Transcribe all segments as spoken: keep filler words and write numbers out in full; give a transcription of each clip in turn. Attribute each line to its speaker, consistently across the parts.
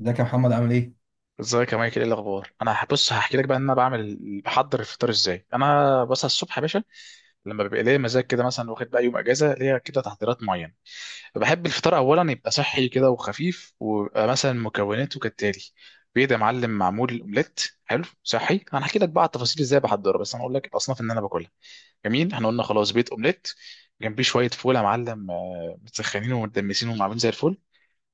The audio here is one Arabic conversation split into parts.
Speaker 1: ازيك يا محمد؟ عامل ايه؟
Speaker 2: ازيك يا مايكل؟ ايه الاخبار؟ انا بص، هحكي لك بقى ان انا بعمل بحضر الفطار ازاي. انا بصحى الصبح يا باشا لما بيبقى ليا مزاج كده، مثلا واخد بقى يوم اجازه، ليا كده تحضيرات معينه. بحب الفطار اولا يبقى صحي كده وخفيف، ويبقى مثلا مكوناته كالتالي: بيض يا معلم، معمول اومليت. حلو صحي. انا هحكي لك بقى على التفاصيل ازاي بحضره، بس انا اقول لك الاصناف اللي انا باكلها. جميل، احنا قلنا خلاص بيض اومليت، جنبيه شويه فول يا معلم، آه، متسخنين ومدمسين ومعمولين زي الفل.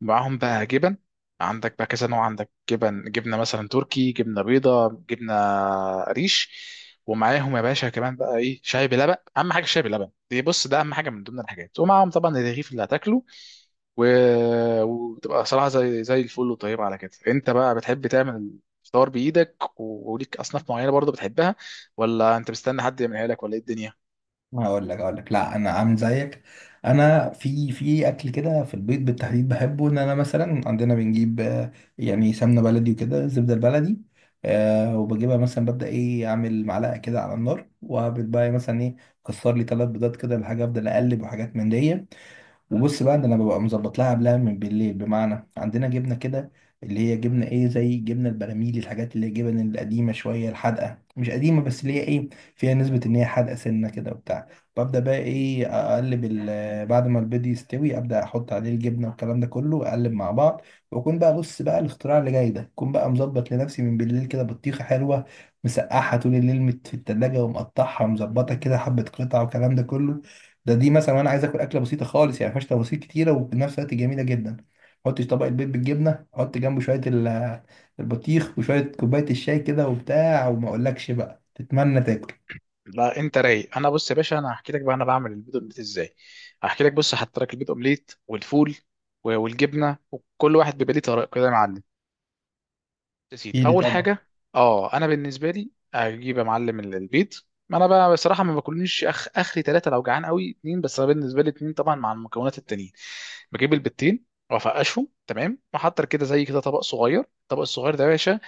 Speaker 2: معاهم بقى جبن، عندك بقى كذا نوع، عندك جبن، جبنه مثلا تركي، جبنه بيضه، جبنه ريش. ومعاهم يا باشا كمان بقى ايه، شاي بلبن، اهم حاجه الشاي بلبن دي، بص ده اهم حاجه من ضمن الحاجات. ومعاهم طبعا الرغيف اللي هتاكله، و... وتبقى صراحه زي زي الفل وطيبه. على كده انت بقى بتحب تعمل الفطار بايدك، و- وليك اصناف معينه برضه بتحبها، ولا انت مستني حد يعملها لك، ولا ايه الدنيا؟
Speaker 1: هقول لك هقول لك، لا انا عامل زيك. انا في في اكل كده في البيت بالتحديد بحبه. ان انا مثلا عندنا بنجيب، آه، يعني سمنه بلدي وكده، زبده البلدي. آه وبجيبها مثلا، ببدا ايه، اعمل معلقه كده على النار وبتبقى ايه، مثلا ايه، كسر لي ثلاث بيضات كده الحاجه، افضل اقلب وحاجات من دي. وبص بقى ان انا ببقى مظبط لها قبلها من بالليل، بمعنى عندنا جبنه كده اللي هي جبنه ايه، زي جبنه البراميل، الحاجات اللي هي جبن القديمه شويه الحادقه، مش قديمه بس اللي هي ايه، فيها نسبه ان هي حادقه سنه كده وبتاع. ببدا بقى ايه، اقلب ال- بعد ما البيض يستوي ابدا احط عليه الجبنه والكلام ده كله، اقلب مع بعض. واكون بقى، بص بقى، الاختراع اللي جاي ده اكون بقى مظبط لنفسي من بالليل كده بطيخه حلوه مسقعها طول الليل، مت- في التلاجة، ومقطعها ومظبطها كده حبة قطع والكلام ده كله. ده دي مثلا انا عايز اكل اكله بسيطه خالص، يعني ما فيهاش تفاصيل كتيره وفي نفس الوقت جميله جدا. حط طبق البيض بالجبنه، حط جنبه شويه ال- البطيخ وشويه كوبايه الشاي كده وبتاع، وما اقولكش بقى تتمنى تاكل.
Speaker 2: لا انت رايق. انا بص يا باشا، انا هحكي لك بقى انا بعمل البيض اومليت ازاي. هحكي لك. بص هحط لك البيض اومليت، والفول، و- والجبنه، وكل واحد بيبقى ليه طريقه كده يا معلم. يا سيدي،
Speaker 1: ايلي
Speaker 2: اول
Speaker 1: طبعا.
Speaker 2: حاجه اه، انا بالنسبه لي اجيب يا معلم ال- البيض. ما انا بقى بصراحه ما باكلنيش اخ اخري ثلاثه، لو جعان قوي اتنين، بس انا بالنسبه لي اتنين طبعا مع المكونات التانيين. بجيب البيضتين، وافقشهم تمام، واحط كده زي كده طبق صغير. الطبق الصغير ده يا باشا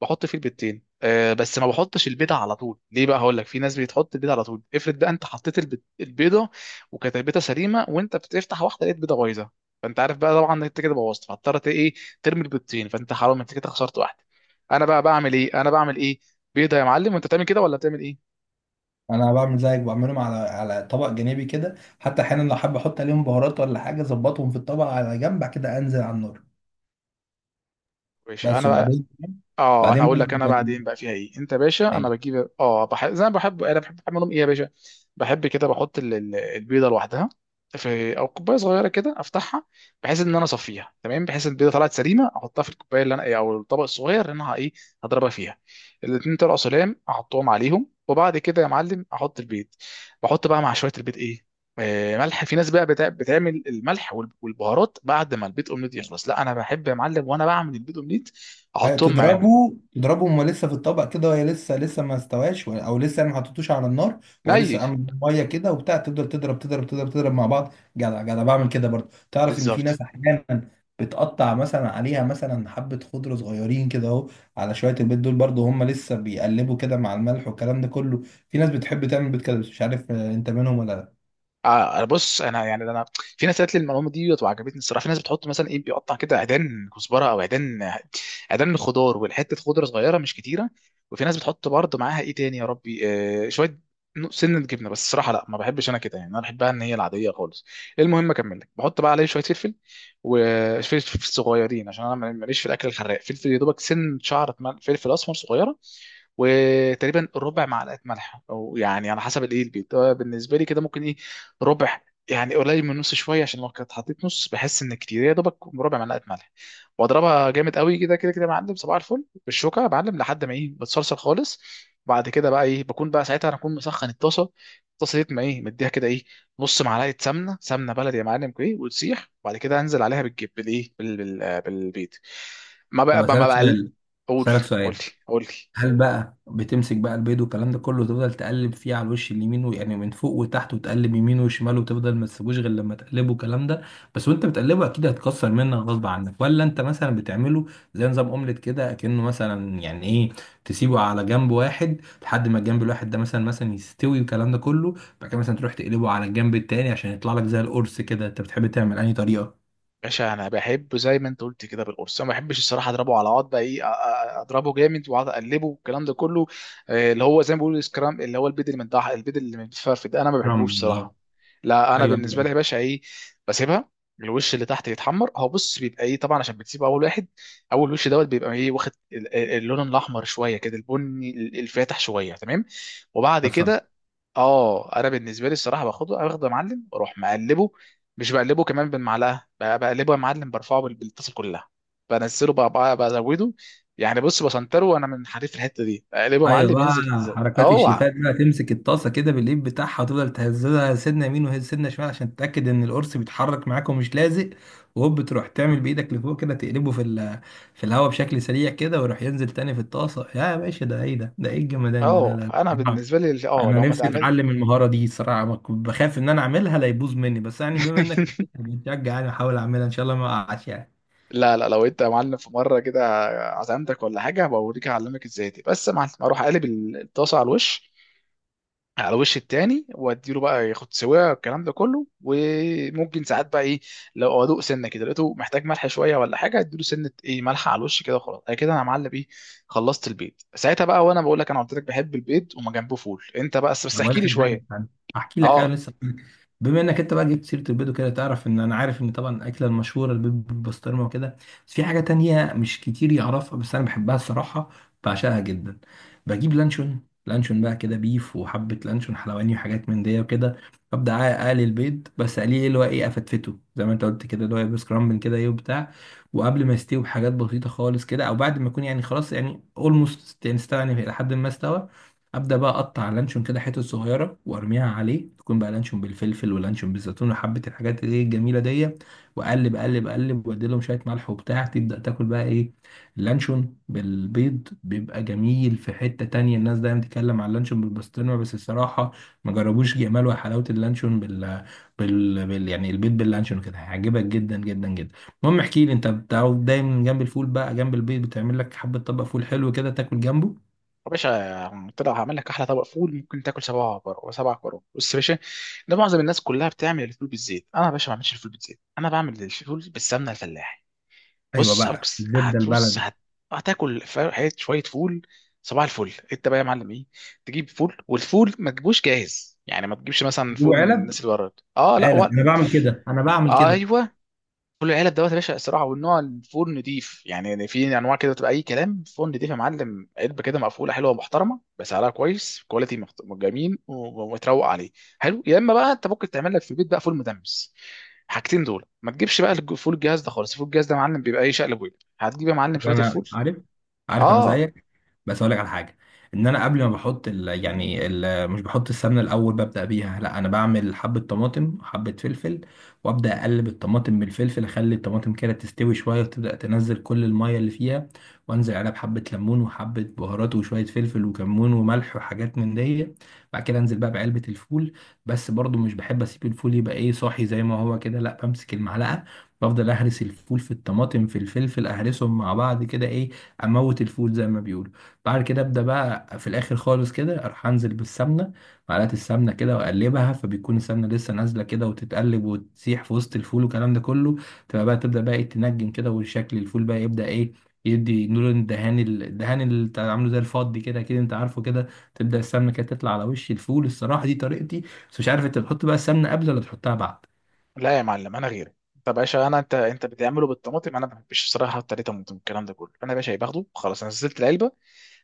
Speaker 2: بحط فيه البيضتين. أه بس ما بحطش البيضه على طول، ليه بقى؟ هقول لك. في ناس بتحط البيضه على طول، افرض بقى انت حطيت البيض- البيضه، وكانت البيضه سليمه، وانت بتفتح واحده لقيت بيضه بايظه، فانت عارف بقى طبعا إن انت كده بوظت، فاضطرت ايه؟ ترمي البيضتين، فانت حرام، انت كده خسرت واحده. انا بقى بعمل ايه؟ انا بعمل ايه؟ بيضه يا معلم. وانت بتعمل كده ولا بتعمل ايه؟
Speaker 1: انا بعمل زيك، بعملهم على على طبق جانبي كده، حتى احيانا لو حابب احط عليهم بهارات ولا حاجه اظبطهم في الطبق على جنب، بعد كده انزل على النار.
Speaker 2: ماشي
Speaker 1: بس.
Speaker 2: انا بقى.
Speaker 1: وبعدين.
Speaker 2: اه انا
Speaker 1: بعدين
Speaker 2: هقول لك. انا بعدين بقى فيها ايه؟ انت يا باشا، انا
Speaker 1: بقى،
Speaker 2: بجيب اه، بحب زي ما بحب، انا بحب اعملهم ايه يا باشا، بحب كده بحط ال- ال- البيضه لوحدها في او كوبايه صغيره كده، افتحها بحيث ان انا اصفيها تمام، بحيث البيضه طلعت سليمه احطها في الكوبايه اللي انا ايه، او الطبق الصغير اللي انا ه- ايه، هضربها فيها. الاتنين طلعوا سلام، احطهم عليهم، وبعد كده يا معلم احط البيض. بحط بقى مع شويه البيض ايه، آه، ملح. في ناس بقى بتا- بتعمل الملح وال- والبهارات بعد ما البيض اومليت يخلص. لا انا بحب يا معلم، وانا بعمل البيض اومليت
Speaker 1: أيوة،
Speaker 2: احطهم معاهم.
Speaker 1: تضربه تضربه وهو لسه في الطبق كده، وهي لسه لسه ما استواش ولا- او لسه يعني ما حطيتوش على النار، وهو لسه
Speaker 2: ني
Speaker 1: عامل ميه كده وبتاع. تفضل تضرب تضرب تضرب تضرب مع بعض جدع جدع. بعمل كده برضه. تعرف ان في
Speaker 2: بالظبط.
Speaker 1: ناس احيانا بتقطع مثلا عليها مثلا حبه خضره صغيرين كده اهو على شويه البيض دول، برضه هم لسه بيقلبوا كده مع الملح والكلام ده كله. في ناس بتحب تعمل بيض كده بس مش عارف آه، انت منهم ولا لا.
Speaker 2: اه آه، بص انا يعني انا، في ناس قالت لي المعلومه دي وعجبتني الصراحه. في ناس بتحط مثلا ايه، بيقطع كده عيدان كزبره او عيدان، عيدان خضار، والحته خضره صغيره مش كتيره. وفي ناس بتحط برضه معاها ايه تاني يا ربي، آه شويه، نوع- سنه جبنه. بس الصراحه لا، ما بحبش انا كده، يعني انا بحبها ان هي العاديه خالص. المهم اكمل لك، بحط بقى عليه شويه فلفل، وفلفل صغيرين، عشان انا ماليش في الاكل الحراق. فلفل يا دوبك سن شعره، مل- فلفل اسمر صغيره، وتقريبا ربع معلقه ملح، او يعني على حسب الايه البيت، آه، بالنسبه لي كده ممكن ايه، ربع، يعني قليل من نص شويه، عشان لو كنت حطيت نص بحس ان كتير. يا دوبك ربع معلقه ملح، واضربها جامد قوي كده كده كده يا معلم صباح الفل، بالشوكه يا معلم، لحد ما ايه، بتصلصل خالص. بعد كده بقى ايه، بكون بقى ساعتها انا اكون مسخن الطاسه. الطاسه دي ما ايه، مديها كده ايه، نص معلقه سمنه، سمنه بلدي يا معلم، ايه وتسيح، وبعد كده انزل عليها بالجب بالايه بال... بال... بالبيض. ما
Speaker 1: طب
Speaker 2: بقى ما
Speaker 1: اسالك
Speaker 2: بقى
Speaker 1: سؤال.
Speaker 2: قول،
Speaker 1: اسالك
Speaker 2: قول
Speaker 1: سؤال
Speaker 2: لي قول لي.
Speaker 1: هل بقى بتمسك بقى البيض والكلام ده كله وتفضل تقلب فيه على الوش اليمين و- يعني من فوق وتحت، وتقلب يمين وشمال وتفضل ما تسيبوش غير لما تقلبه الكلام ده بس؟ وانت بتقلبه اكيد هتكسر منك غصب عنك، ولا انت مثلا بتعمله زي نظام اومليت كده، اكنه مثلا يعني ايه، تسيبه على جنب واحد لحد ما الجنب الواحد ده مثلا مثلا يستوي والكلام ده كله، بعد كده مثلا تروح تقلبه على الجنب التاني عشان يطلع لك زي القرص كده. انت بتحب تعمل انهي طريقه؟
Speaker 2: باشا انا بحبه زي ما انت قلت كده بالقرص، انا ما بحبش الصراحه اضربه على بعض، بقى ايه أ- أ- اضربه جامد واقعد اقلبه والكلام ده كله. آه، اللي هو زي ما بيقولوا السكرام، اللي هو البيد اللي من تحت، البيد اللي من الفرف ده انا ما بحبوش
Speaker 1: رمبي. اه.
Speaker 2: الصراحه. لا انا
Speaker 1: ايوه،
Speaker 2: بالنسبه لي
Speaker 1: ايوه.
Speaker 2: يا باشا ايه، بسيبها، الوش اللي تحت يتحمر. هو بص بيبقى ايه طبعا، عشان بتسيب اول واحد، اول وش دوت بيبقى ايه، واخد ال- ال- اللون الاحمر شويه كده، البني الفاتح شويه تمام. وبعد كده اه، انا بالنسبه لي الصراحه باخده باخده يا معلم، واروح مقلبه، مش بقلبه كمان بالمعلقه، ب- بقلبه يا معلم برفعه بال- بالطاسه كلها. بنزله بقى بقى- بزوده، يعني بص بسنتره، وانا من حريف الحته دي اقلبه يا
Speaker 1: ايوه
Speaker 2: معلم،
Speaker 1: بقى.
Speaker 2: ينزل ازاي
Speaker 1: حركات
Speaker 2: اوعى.
Speaker 1: الشيفات بقى، تمسك الطاسه كده بالايد بتاعها وتفضل تهزها سنه يمين وسنه شمال عشان تتاكد ان القرص بيتحرك معاك ومش لازق، وهوب تروح تعمل بايدك لفوق كده تقلبه في ال- في الهواء بشكل سريع كده، ويروح ينزل تاني في الطاسه. يا باشا، ده ايه ده ده ايه الجمدان ده؟ لا
Speaker 2: اه
Speaker 1: لا
Speaker 2: انا
Speaker 1: لا.
Speaker 2: بالنسبه لي ال- اه
Speaker 1: انا
Speaker 2: لو ما
Speaker 1: نفسي
Speaker 2: اتعمل
Speaker 1: اتعلم المهاره دي صراحه، ما كنت بخاف ان انا اعملها لا يبوظ مني، بس يعني بما انك بتشجع يعني احاول اعملها ان شاء الله ما اقعش يعني.
Speaker 2: لا لا، لو انت يا معلم في مره كده عزمتك ولا حاجه بوريك اعلمك ازاي دي. بس يا معلم اروح اقلب الطاسه على الوش على وش التاني، واديله بقى ياخد سواها والكلام ده كله. وممكن ساعات بقى ايه، لو ادوق سنه كده لقيته محتاج ملح شويه ولا حاجه، اديله سنه ايه، ملح على الوش كده، وخلاص انا كده انا معلب ايه، خلصت البيض ساعتها بقى. وانا بقول لك، انا قلت لك بحب البيض وما جنبه فول، انت بقى
Speaker 1: طب
Speaker 2: بس
Speaker 1: اقول
Speaker 2: احكي
Speaker 1: لك
Speaker 2: لي
Speaker 1: على حاجه.
Speaker 2: شويه.
Speaker 1: استنى احكي لك. ايوه
Speaker 2: اه
Speaker 1: لسه هحكي لك. بما انك انت بقى جبت سيره البيض وكده، تعرف ان انا عارف ان طبعا الاكله المشهوره البيض بالبسطرمه وكده، بس في حاجه تانية مش كتير يعرفها بس انا بحبها الصراحه، بعشقها جدا. بجيب لانشون. لانشون بقى كده بيف، وحبه لانشون حلواني وحاجات من دي وكده. ابدا اقلي البيض، بس اقليه ايه، اللي هو ايه، افتفته زي ما انت قلت كده، اللي هو بسكرامبل كده ايه وبتاع. وقبل ما يستوي بحاجات بسيطه خالص كده، او بعد ما يكون يعني خلاص يعني اولموست يعني استوى، يعني لحد ما استوى ابدا بقى اقطع لانشون كده حتت صغيره وارميها عليه. تكون بقى لانشون بالفلفل، ولانشون بالزيتون، وحبه الحاجات اللي هي الجميله دي. واقلب اقلب اقلب، وادي لهم شويه ملح وبتاع، تبدا تاكل بقى ايه، اللانشون بالبيض بيبقى جميل في حته تانية. الناس دايما تتكلم على اللانشون بالبسطرمه، بس الصراحه ما جربوش جمال وحلاوه اللانشون بال... بال... بال... يعني البيض باللانشون كده، هيعجبك جدا جدا جدا. المهم احكي لي انت، بتعرف دايما جنب الفول بقى، جنب البيض، بتعمل لك حبه طبق فول حلو كده تاكل جنبه؟
Speaker 2: يا باشا قلت لك هعمل لك احلى طبق فول ممكن تاكل سبعه، بر- سبع كرات. بص يا باشا، ده معظم الناس كلها بتعمل الفول بالزيت، انا يا باشا ما بعملش الفول بالزيت، انا بعمل الفول بالسمنه الفلاح.
Speaker 1: ايوه
Speaker 2: بص
Speaker 1: بقى،
Speaker 2: هبص
Speaker 1: الزبده
Speaker 2: هتبص
Speaker 1: البلدي.
Speaker 2: هت... هتاكل ف- حية شوية فول صباح الفل. انت بقى يا معلم ايه، تجيب فول، والفول ما تجيبوش جاهز، يعني ما تجيبش مثلا فول
Speaker 1: يجيبوا
Speaker 2: من
Speaker 1: علب.
Speaker 2: الناس اللي بره، اه لا
Speaker 1: علب.
Speaker 2: ولا.
Speaker 1: انا بعمل كده، انا بعمل كده.
Speaker 2: ايوه. كل العلب دوت يا باشا الصراحه، والنوع الفول نضيف، يعني في انواع كده تبقى اي كلام، فول نضيف يا معلم، علبه كده مقفوله حلوه محترمه بسعرها كويس، كواليتي مخت- جميل و- ومتروق عليه حلو. يا اما بقى انت ممكن تعمل لك في البيت بقى فول مدمس. حاجتين دول. ما تجيبش بقى الج- فول الجهاز ده خالص، فول الجهاز ده يا معلم بيبقى ايه، شقلب وقلب. هتجيب يا معلم شويه
Speaker 1: انا
Speaker 2: الفول
Speaker 1: عارف. عارف. انا
Speaker 2: اه.
Speaker 1: زيك. بس اقول لك على حاجه، ان انا قبل ما بحط ال... يعني ال... مش بحط السمنه الاول ببدا بيها، لا انا بعمل حبه طماطم حبه فلفل، وابدا اقلب الطماطم بالفلفل، اخلي الطماطم كده تستوي شويه وتبدا تنزل كل الميه اللي فيها، وانزل عليها بحبه ليمون وحبه بهارات وشويه فلفل وكمون وملح وحاجات من دي. بعد كده انزل بقى بعلبه الفول، بس برضو مش بحب اسيب الفول يبقى ايه، صاحي زي ما هو كده، لا بمسك المعلقه بفضل اهرس الفول في الطماطم في الفلفل، اهرسهم مع بعض كده ايه، اموت الفول زي ما بيقولوا. بعد كده ابدا بقى في الاخر خالص كده اروح انزل بالسمنه، معلقه السمنه كده واقلبها، فبيكون السمنه لسه نازله كده وتتقلب وتسيح في وسط الفول والكلام ده كله، تبقى بقى تبدا بقى إيه، تنجم كده، وشكل الفول بقى يبدا ايه، يدي نور الدهان، الدهان اللي بتاع- عامله زي الفضي كده كده، انت عارفه كده. تبدا السمنه كده تطلع على وش الفول. الصراحه دي طريقتي، بس مش عارف انت بتحط بقى السمنه قبل ولا تحطها بعد؟
Speaker 2: لا يا معلم انا غيرك، انت يا باشا انا، انت انت بتعمله بالطماطم، انا ما بحبش الصراحه احط عليه طماطم الكلام ده كله. انا يا باشا باخده خلاص، أنا نزلت العلبه،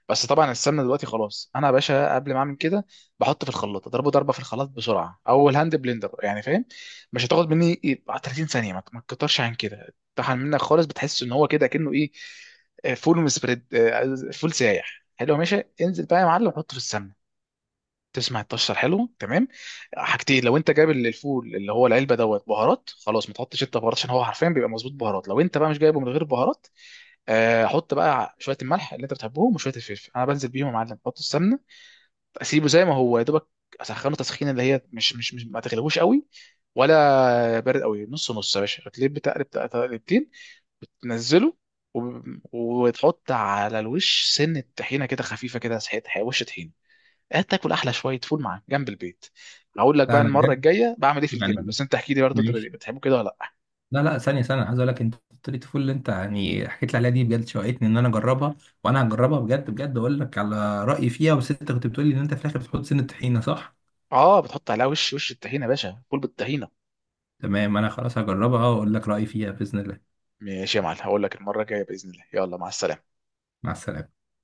Speaker 2: بس طبعا السمنه دلوقتي خلاص. انا يا باشا قبل ما اعمل كده بحط في الخلاط، اضربه ضربه في الخلاط بسرعه، او الهاند بلندر يعني، فاهم؟ مش هتاخد مني يبقى ثلاثين ثانيه، ما ما تكترش عن كده، طحن منك خالص، بتحس ان هو كده كأنه ايه، آه، فول سبريد، فول سايح. حلو يا باشا، انزل بقى يا معلم حطه في السمنه، تسمع الطشه الحلو تمام. حاجتين: لو انت جايب الفول اللي هو العلبه دوت بهارات خلاص، ما تحطش انت بهارات، عشان هو حرفيا بيبقى مظبوط بهارات. لو انت بقى مش جايبه من غير بهارات، آه، احط بقى شويه الملح اللي انت بتحبهم وشويه الفلفل. انا بنزل بيهم يا معلم احط السمنه، اسيبه زي ما هو يا دوبك، اسخنه تسخينه اللي هي مش، مش مش ما تغلبوش قوي ولا بارد قوي، نص نص يا باشا، هتلاقيه بتقلب تقلبتين، تنزله، وب- وتحط على الوش سنه طحينه كده خفيفه، كده سحيت وش طحينه، هتاكل احلى شويه فول معاك جنب البيت. هقول لك بقى
Speaker 1: لا انا
Speaker 2: المره
Speaker 1: بجد،
Speaker 2: الجايه بعمل ايه في الجبن،
Speaker 1: يعني،
Speaker 2: بس انت احكي لي برضه انت
Speaker 1: ماشي.
Speaker 2: بتحبه كده ولا لا.
Speaker 1: لا لا، ثانية ثانية، أنا عايز أقول لك أنت، طريقة الفول اللي أنت يعني حكيت لي عليها دي بجد شوقتني إن أنا أجربها، وأنا هجربها بجد بجد. أقول لك على رأيي فيها، بس أنت كنت بتقول لي إن أنت في الآخر بتحط سن الطحينة، صح؟
Speaker 2: اه بتحط عليها وش، وش الطحينه يا باشا، فول بالطحينه.
Speaker 1: تمام، أنا خلاص هجربها وأقول لك رأيي فيها بإذن الله.
Speaker 2: ماشي يا معلم، هقول لك المرة الجاية بإذن الله، يلا مع السلامة.
Speaker 1: مع السلامة.